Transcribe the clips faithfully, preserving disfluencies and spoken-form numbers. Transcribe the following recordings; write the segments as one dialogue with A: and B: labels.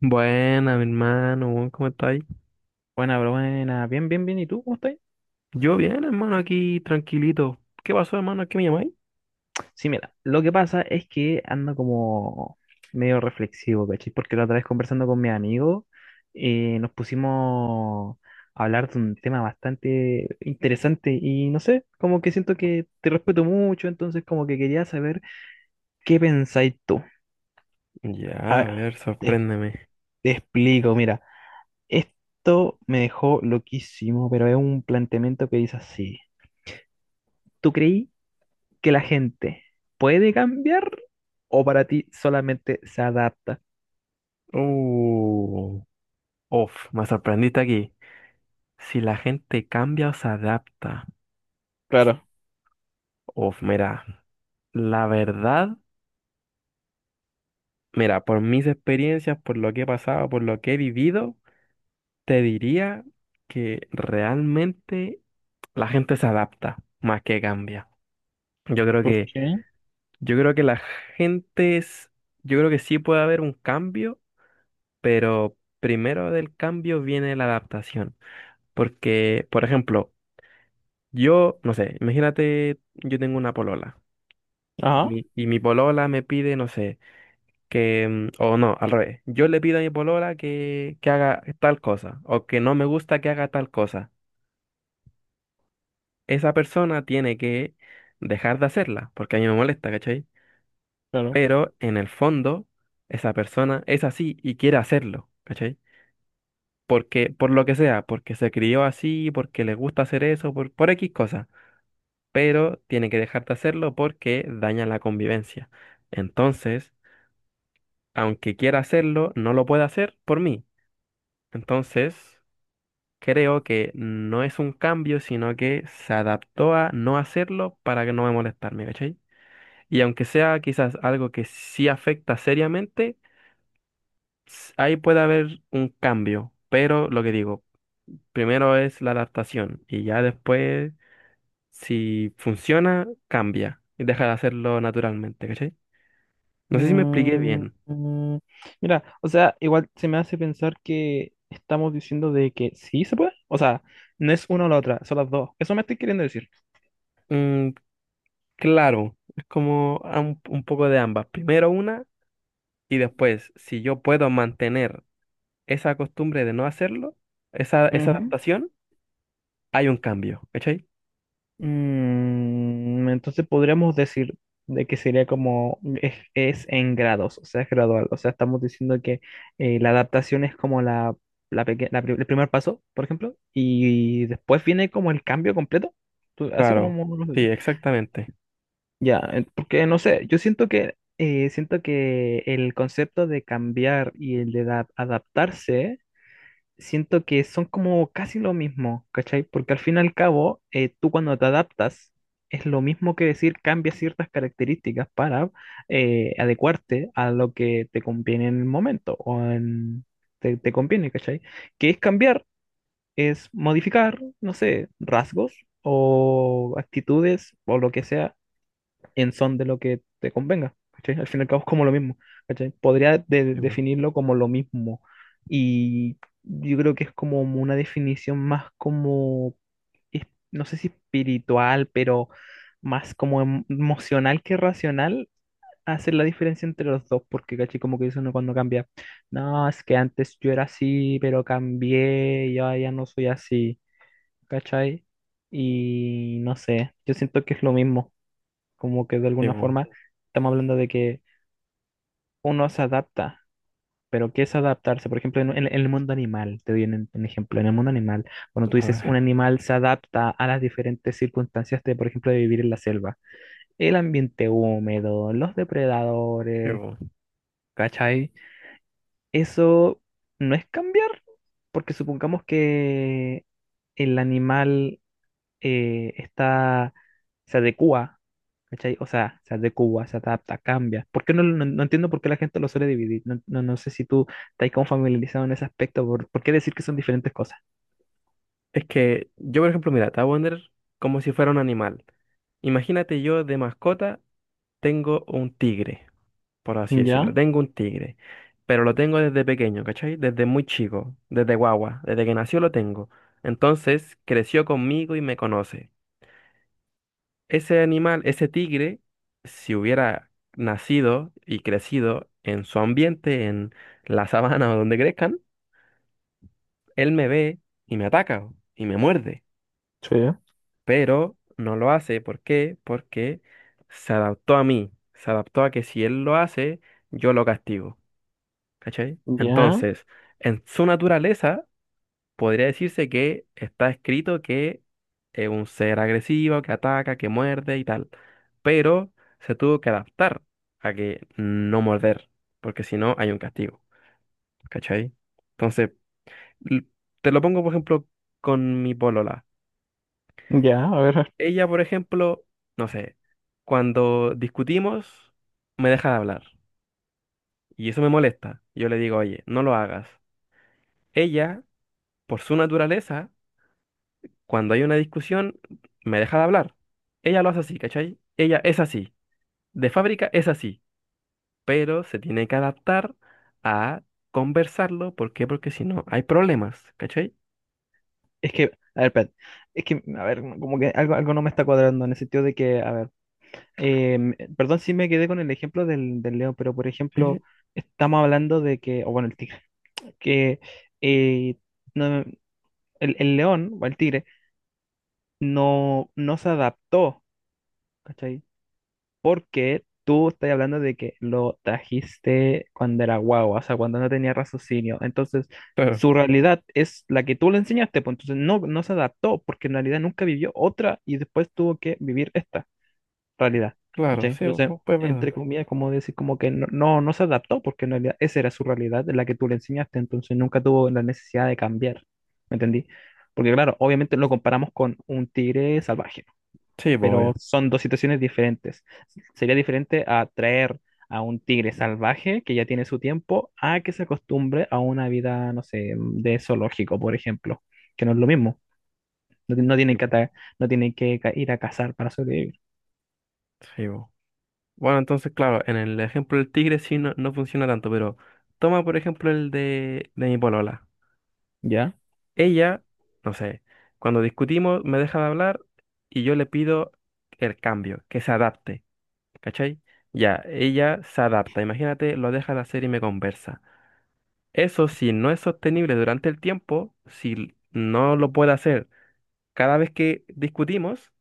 A: Buena, mi hermano, buen, ¿cómo estáis?
B: Buena, pero buena, bien, bien, bien. ¿Y tú cómo estás?
A: Yo bien, hermano, aquí tranquilito. ¿Qué pasó, hermano? ¿A ¿Qué me llamáis?
B: Sí, mira, lo que pasa es que ando como medio reflexivo, ¿cachai? Porque la otra vez conversando con mi amigo, eh, nos pusimos a hablar de un tema bastante interesante y no sé, como que siento que te respeto mucho, entonces como que quería saber qué pensáis tú. A
A: Ya, a
B: ver,
A: ver,
B: te,
A: sorpréndeme.
B: te explico, mira, esto me dejó loquísimo, pero es un planteamiento que dice así. ¿Tú creí que la gente puede cambiar o para ti solamente se adapta?
A: Uh, uf, Me sorprendiste aquí. ¿Si la gente cambia o se adapta?
B: Claro.
A: Uf, mira, la verdad, mira, por mis experiencias, por lo que he pasado, por lo que he vivido, te diría que realmente la gente se adapta más que cambia. Yo creo
B: ¿Por
A: que
B: qué?
A: Yo creo que la gente es, yo creo que sí puede haber un cambio, pero primero del cambio viene la adaptación. Porque, por ejemplo, yo, no sé, imagínate, yo tengo una polola y
B: Ajá,
A: mi, y mi polola me pide, no sé, que, mm, o no, al revés, yo le pido a mi polola que, que haga tal cosa o que no me gusta que haga tal cosa. Esa persona tiene que dejar de hacerla porque a mí me molesta, ¿cachai?
B: claro.
A: Pero en el fondo esa persona es así y quiere hacerlo, ¿cachai? Porque, por lo que sea, porque se crió así, porque le gusta hacer eso, por, por X cosa, pero tiene que dejar de hacerlo porque daña la convivencia. Entonces, aunque quiera hacerlo, no lo puede hacer por mí. Entonces, creo que no es un cambio, sino que se adaptó a no hacerlo para que no me molestarme, ¿cachai? Y aunque sea quizás algo que sí afecta seriamente, ahí puede haber un cambio, pero lo que digo, primero es la adaptación y ya después, si funciona, cambia y deja de hacerlo naturalmente, ¿cachai? No sé si me expliqué
B: Mm,
A: bien.
B: mm, mira, o sea, igual se me hace pensar que estamos diciendo de que sí se puede. O sea, no es una o la otra, son las dos. Eso me estoy queriendo decir.
A: Mm, claro, es como a un, un poco de ambas. Primero una y después, si yo puedo mantener esa costumbre de no hacerlo, esa, esa adaptación, hay un cambio, ¿cachai?
B: Mm, entonces podríamos decir de que sería como es, es en grados, o sea, es gradual. O sea, estamos diciendo que eh, la adaptación es como la, la peque- la pri- el primer paso, por ejemplo, y después viene como el cambio completo, tú- así como
A: Claro,
B: uno
A: sí,
B: lo-
A: exactamente.
B: Ya, eh, porque no sé, yo siento que, eh, siento que el concepto de cambiar y el de da- adaptarse siento que son como casi lo mismo, ¿cachai? Porque al fin y al cabo, eh, tú cuando te adaptas, es lo mismo que decir cambias ciertas características para eh, adecuarte a lo que te conviene en el momento o en, te, te conviene, ¿cachai? Que es cambiar, es modificar, no sé, rasgos o actitudes o lo que sea en son de lo que te convenga, ¿cachai? Al fin y al cabo es como lo mismo, ¿cachai? Podría de-
A: Sí, bu,
B: definirlo como lo mismo, y yo creo que es como una definición más como, es- no sé si espiritual, pero más como em- emocional que racional. Hacer la diferencia entre los dos, porque ¿cachai? Como que dice uno cuando cambia, no, es que antes yo era así, pero cambié, y ahora ya no soy así, ¿cachai? Y no sé, yo siento que es lo mismo. Como que de
A: sí,
B: alguna
A: bu.
B: forma estamos hablando de que uno se adapta, pero ¿qué es adaptarse? Por ejemplo, en, en- en el mundo animal, te doy un, un ejemplo, en el mundo animal, cuando tú
A: A
B: dices un
A: ver,
B: animal se adapta a las diferentes circunstancias de, por ejemplo, de vivir en la selva, el ambiente húmedo, los
A: sí,
B: depredadores,
A: bu.
B: ¿cachai? Eso no es cambiar, porque supongamos que el animal eh, está, se adecua, ¿cachai? O sea, se adecua, se adapta, cambia. ¿Por qué no, no, no entiendo por qué la gente lo suele dividir? No, no, no sé si tú estás como familiarizado en ese aspecto, ¿por, por qué decir que son diferentes cosas?
A: Es que yo, por ejemplo, mira, te voy a poner como si fuera un animal. Imagínate yo de mascota tengo un tigre, por así decirlo.
B: Ya,
A: Tengo un tigre, pero lo tengo desde pequeño, ¿cachai? Desde muy chico, desde guagua, desde que nació lo tengo. Entonces creció conmigo y me conoce. Ese animal, ese tigre, si hubiera nacido y crecido en su ambiente, en la sabana o donde crezcan, él me ve y me ataca y me muerde.
B: sí,
A: Pero no lo hace. ¿Por qué? Porque se adaptó a mí, se adaptó a que si él lo hace, yo lo castigo, ¿cachai?
B: ya,
A: Entonces, en su naturaleza, podría decirse que está escrito que es un ser agresivo, que ataca, que muerde y tal, pero se tuvo que adaptar a que no morder, porque si no hay un castigo, ¿cachai? Entonces, l- te lo pongo, por ejemplo, con mi polola.
B: ya, a ver.
A: Ella, por ejemplo, no sé, cuando discutimos, me deja de hablar. Y eso me molesta. Yo le digo, oye, no lo hagas. Ella, por su naturaleza, cuando hay una discusión, me deja de hablar. Ella lo hace así, ¿cachai? Ella es así. De fábrica es así. Pero se tiene que adaptar a conversarlo. ¿Por qué? Porque si no, hay problemas, ¿cachai?
B: Es que, a ver, espérate, es que, a ver, como que algo, algo no me está cuadrando en el sentido de que, a ver, Em, perdón si me quedé con el ejemplo del, del león, pero por
A: Sí,
B: ejemplo,
A: sí,
B: estamos hablando de que, o bueno, el tigre, que eh, no- el, el león o el tigre no, no se adaptó, ¿cachai? Porque tú estás hablando de que lo trajiste cuando era guagua, o sea, cuando no tenía raciocinio. Entonces,
A: claro,
B: su realidad es la que tú le enseñaste, pues entonces no, no se adaptó, porque en realidad nunca vivió otra y después tuvo que vivir esta realidad,
A: claro,
B: ¿cachai?
A: sí,
B: Entonces,
A: pues es verdad.
B: entre comillas, como decir, como que no, no, no se adaptó, porque en realidad esa era su realidad, la que tú le enseñaste, entonces nunca tuvo la necesidad de cambiar, ¿me entendí? Porque claro, obviamente lo comparamos con un tigre salvaje,
A: Sí, pues, obvio.
B: pero son dos situaciones diferentes. Sería diferente a traer a un tigre salvaje que ya tiene su tiempo a que se acostumbre a una vida, no sé, de zoológico, por ejemplo, que no es lo mismo. No, ti- no
A: Sí,
B: tienen que,
A: pues.
B: ata- no tienen que ca- ir a cazar para sobrevivir,
A: Sí, pues. Bueno, entonces, claro, en el ejemplo del tigre sí no, no funciona tanto, pero toma por ejemplo el de, de mi polola.
B: ¿ya?
A: Ella, no sé, cuando discutimos me deja de hablar y yo le pido el cambio, que se adapte, ¿cachai? Ya, ella se adapta, imagínate, lo deja de hacer y me conversa. Eso si no es sostenible durante el tiempo, si no lo puede hacer cada vez que discutimos,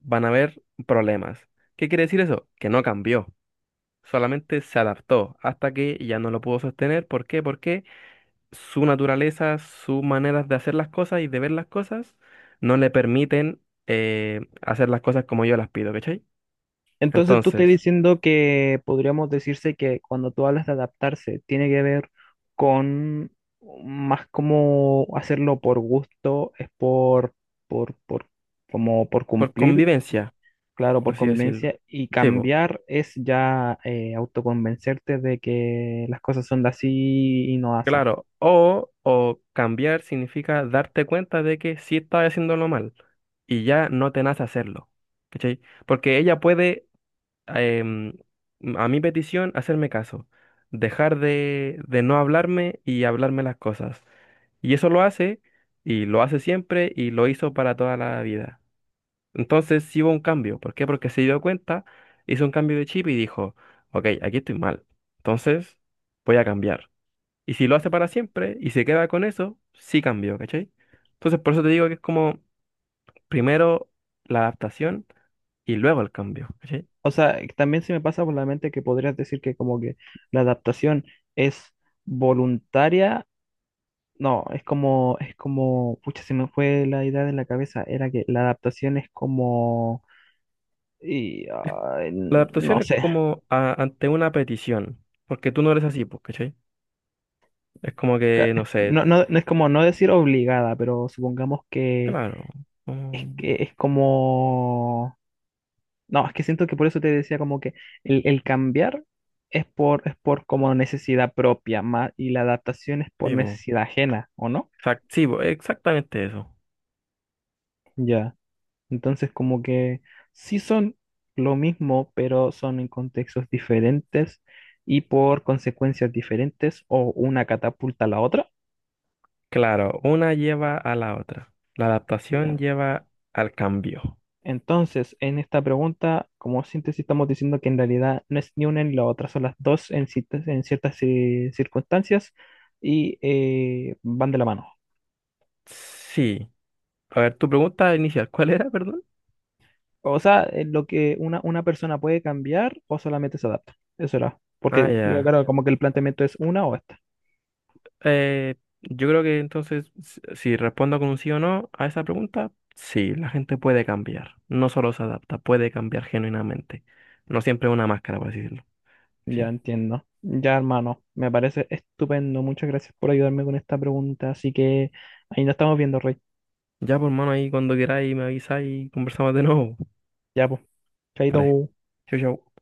A: van a haber problemas. ¿Qué quiere decir eso? Que no cambió. Solamente se adaptó hasta que ya no lo pudo sostener. ¿Por qué? Porque su naturaleza, sus maneras de hacer las cosas y de ver las cosas no le permiten eh, hacer las cosas como yo las pido, ¿cachai?
B: Entonces tú estás
A: Entonces,
B: diciendo que podríamos decirse que cuando tú hablas de adaptarse, tiene que ver con más como hacerlo por gusto, es por, por, por, como por
A: por
B: cumplir,
A: convivencia,
B: claro,
A: por
B: por
A: así decirlo.
B: conveniencia, y
A: Sí, po,
B: cambiar es ya eh, autoconvencerte de que las cosas son de así y no asá.
A: claro. O, o cambiar significa darte cuenta de que sí estás haciéndolo mal y ya no te nace hacerlo, ¿cachai? Porque ella puede em, a mi petición, hacerme caso, dejar de, de no hablarme y hablarme las cosas. Y eso lo hace, y lo hace siempre, y lo hizo para toda la vida. Entonces sí hubo un cambio. ¿Por qué? Porque se dio cuenta, hizo un cambio de chip y dijo, ok, aquí estoy mal. Entonces voy a cambiar. Y si lo hace para siempre y se queda con eso, sí cambió, ¿cachai? Entonces por eso te digo que es como primero la adaptación y luego el cambio, ¿cachai?
B: O sea, también se me pasa por la mente que podrías decir que como que la adaptación es voluntaria. No, es como, es como, pucha, se me fue la idea de la cabeza, era que la adaptación es como, y, ah,
A: La adaptación
B: no
A: es
B: sé,
A: como a- ante una petición, porque tú no eres así, pues, ¿cachai? Es como
B: ca-
A: que, no sé,
B: no, no, no es como, no decir obligada, pero supongamos que
A: claro,
B: es
A: mm,
B: que es como, no, es que siento que por eso te decía como que el, el cambiar es por, es por como necesidad propia, más, y la adaptación es por
A: sí, pues,
B: necesidad ajena, ¿o no?
A: exact- sí, po, exactamente eso.
B: Ya. Entonces, como que sí son lo mismo, pero son en contextos diferentes y por consecuencias diferentes o una catapulta a la otra.
A: Claro, una lleva a la otra. La adaptación
B: Ya.
A: lleva al cambio.
B: Entonces, en esta pregunta, como síntesis, estamos diciendo que en realidad no es ni una ni la otra, son las dos en, citas- en ciertas eh, circunstancias y eh, van de la mano.
A: Sí. A ver, tu pregunta inicial, ¿cuál era, perdón?
B: O sea, eh, lo que una, una persona puede cambiar o solamente se adapta. Eso era.
A: Ah,
B: Porque,
A: ya.
B: claro, como que el planteamiento es una o esta.
A: Eh, yo creo que entonces, si si respondo con un sí o no a esa pregunta, sí, la gente puede cambiar. No solo se adapta, puede cambiar genuinamente. No siempre es una máscara, por así decirlo.
B: Ya
A: Sí.
B: entiendo. Ya, hermano, me parece estupendo. Muchas gracias por ayudarme con esta pregunta. Así que ahí nos estamos viendo, Rey.
A: Ya, por mano, ahí cuando queráis me avisáis y conversamos de nuevo.
B: Ya, pues.
A: Vale.
B: Chaito.
A: Chau, chau.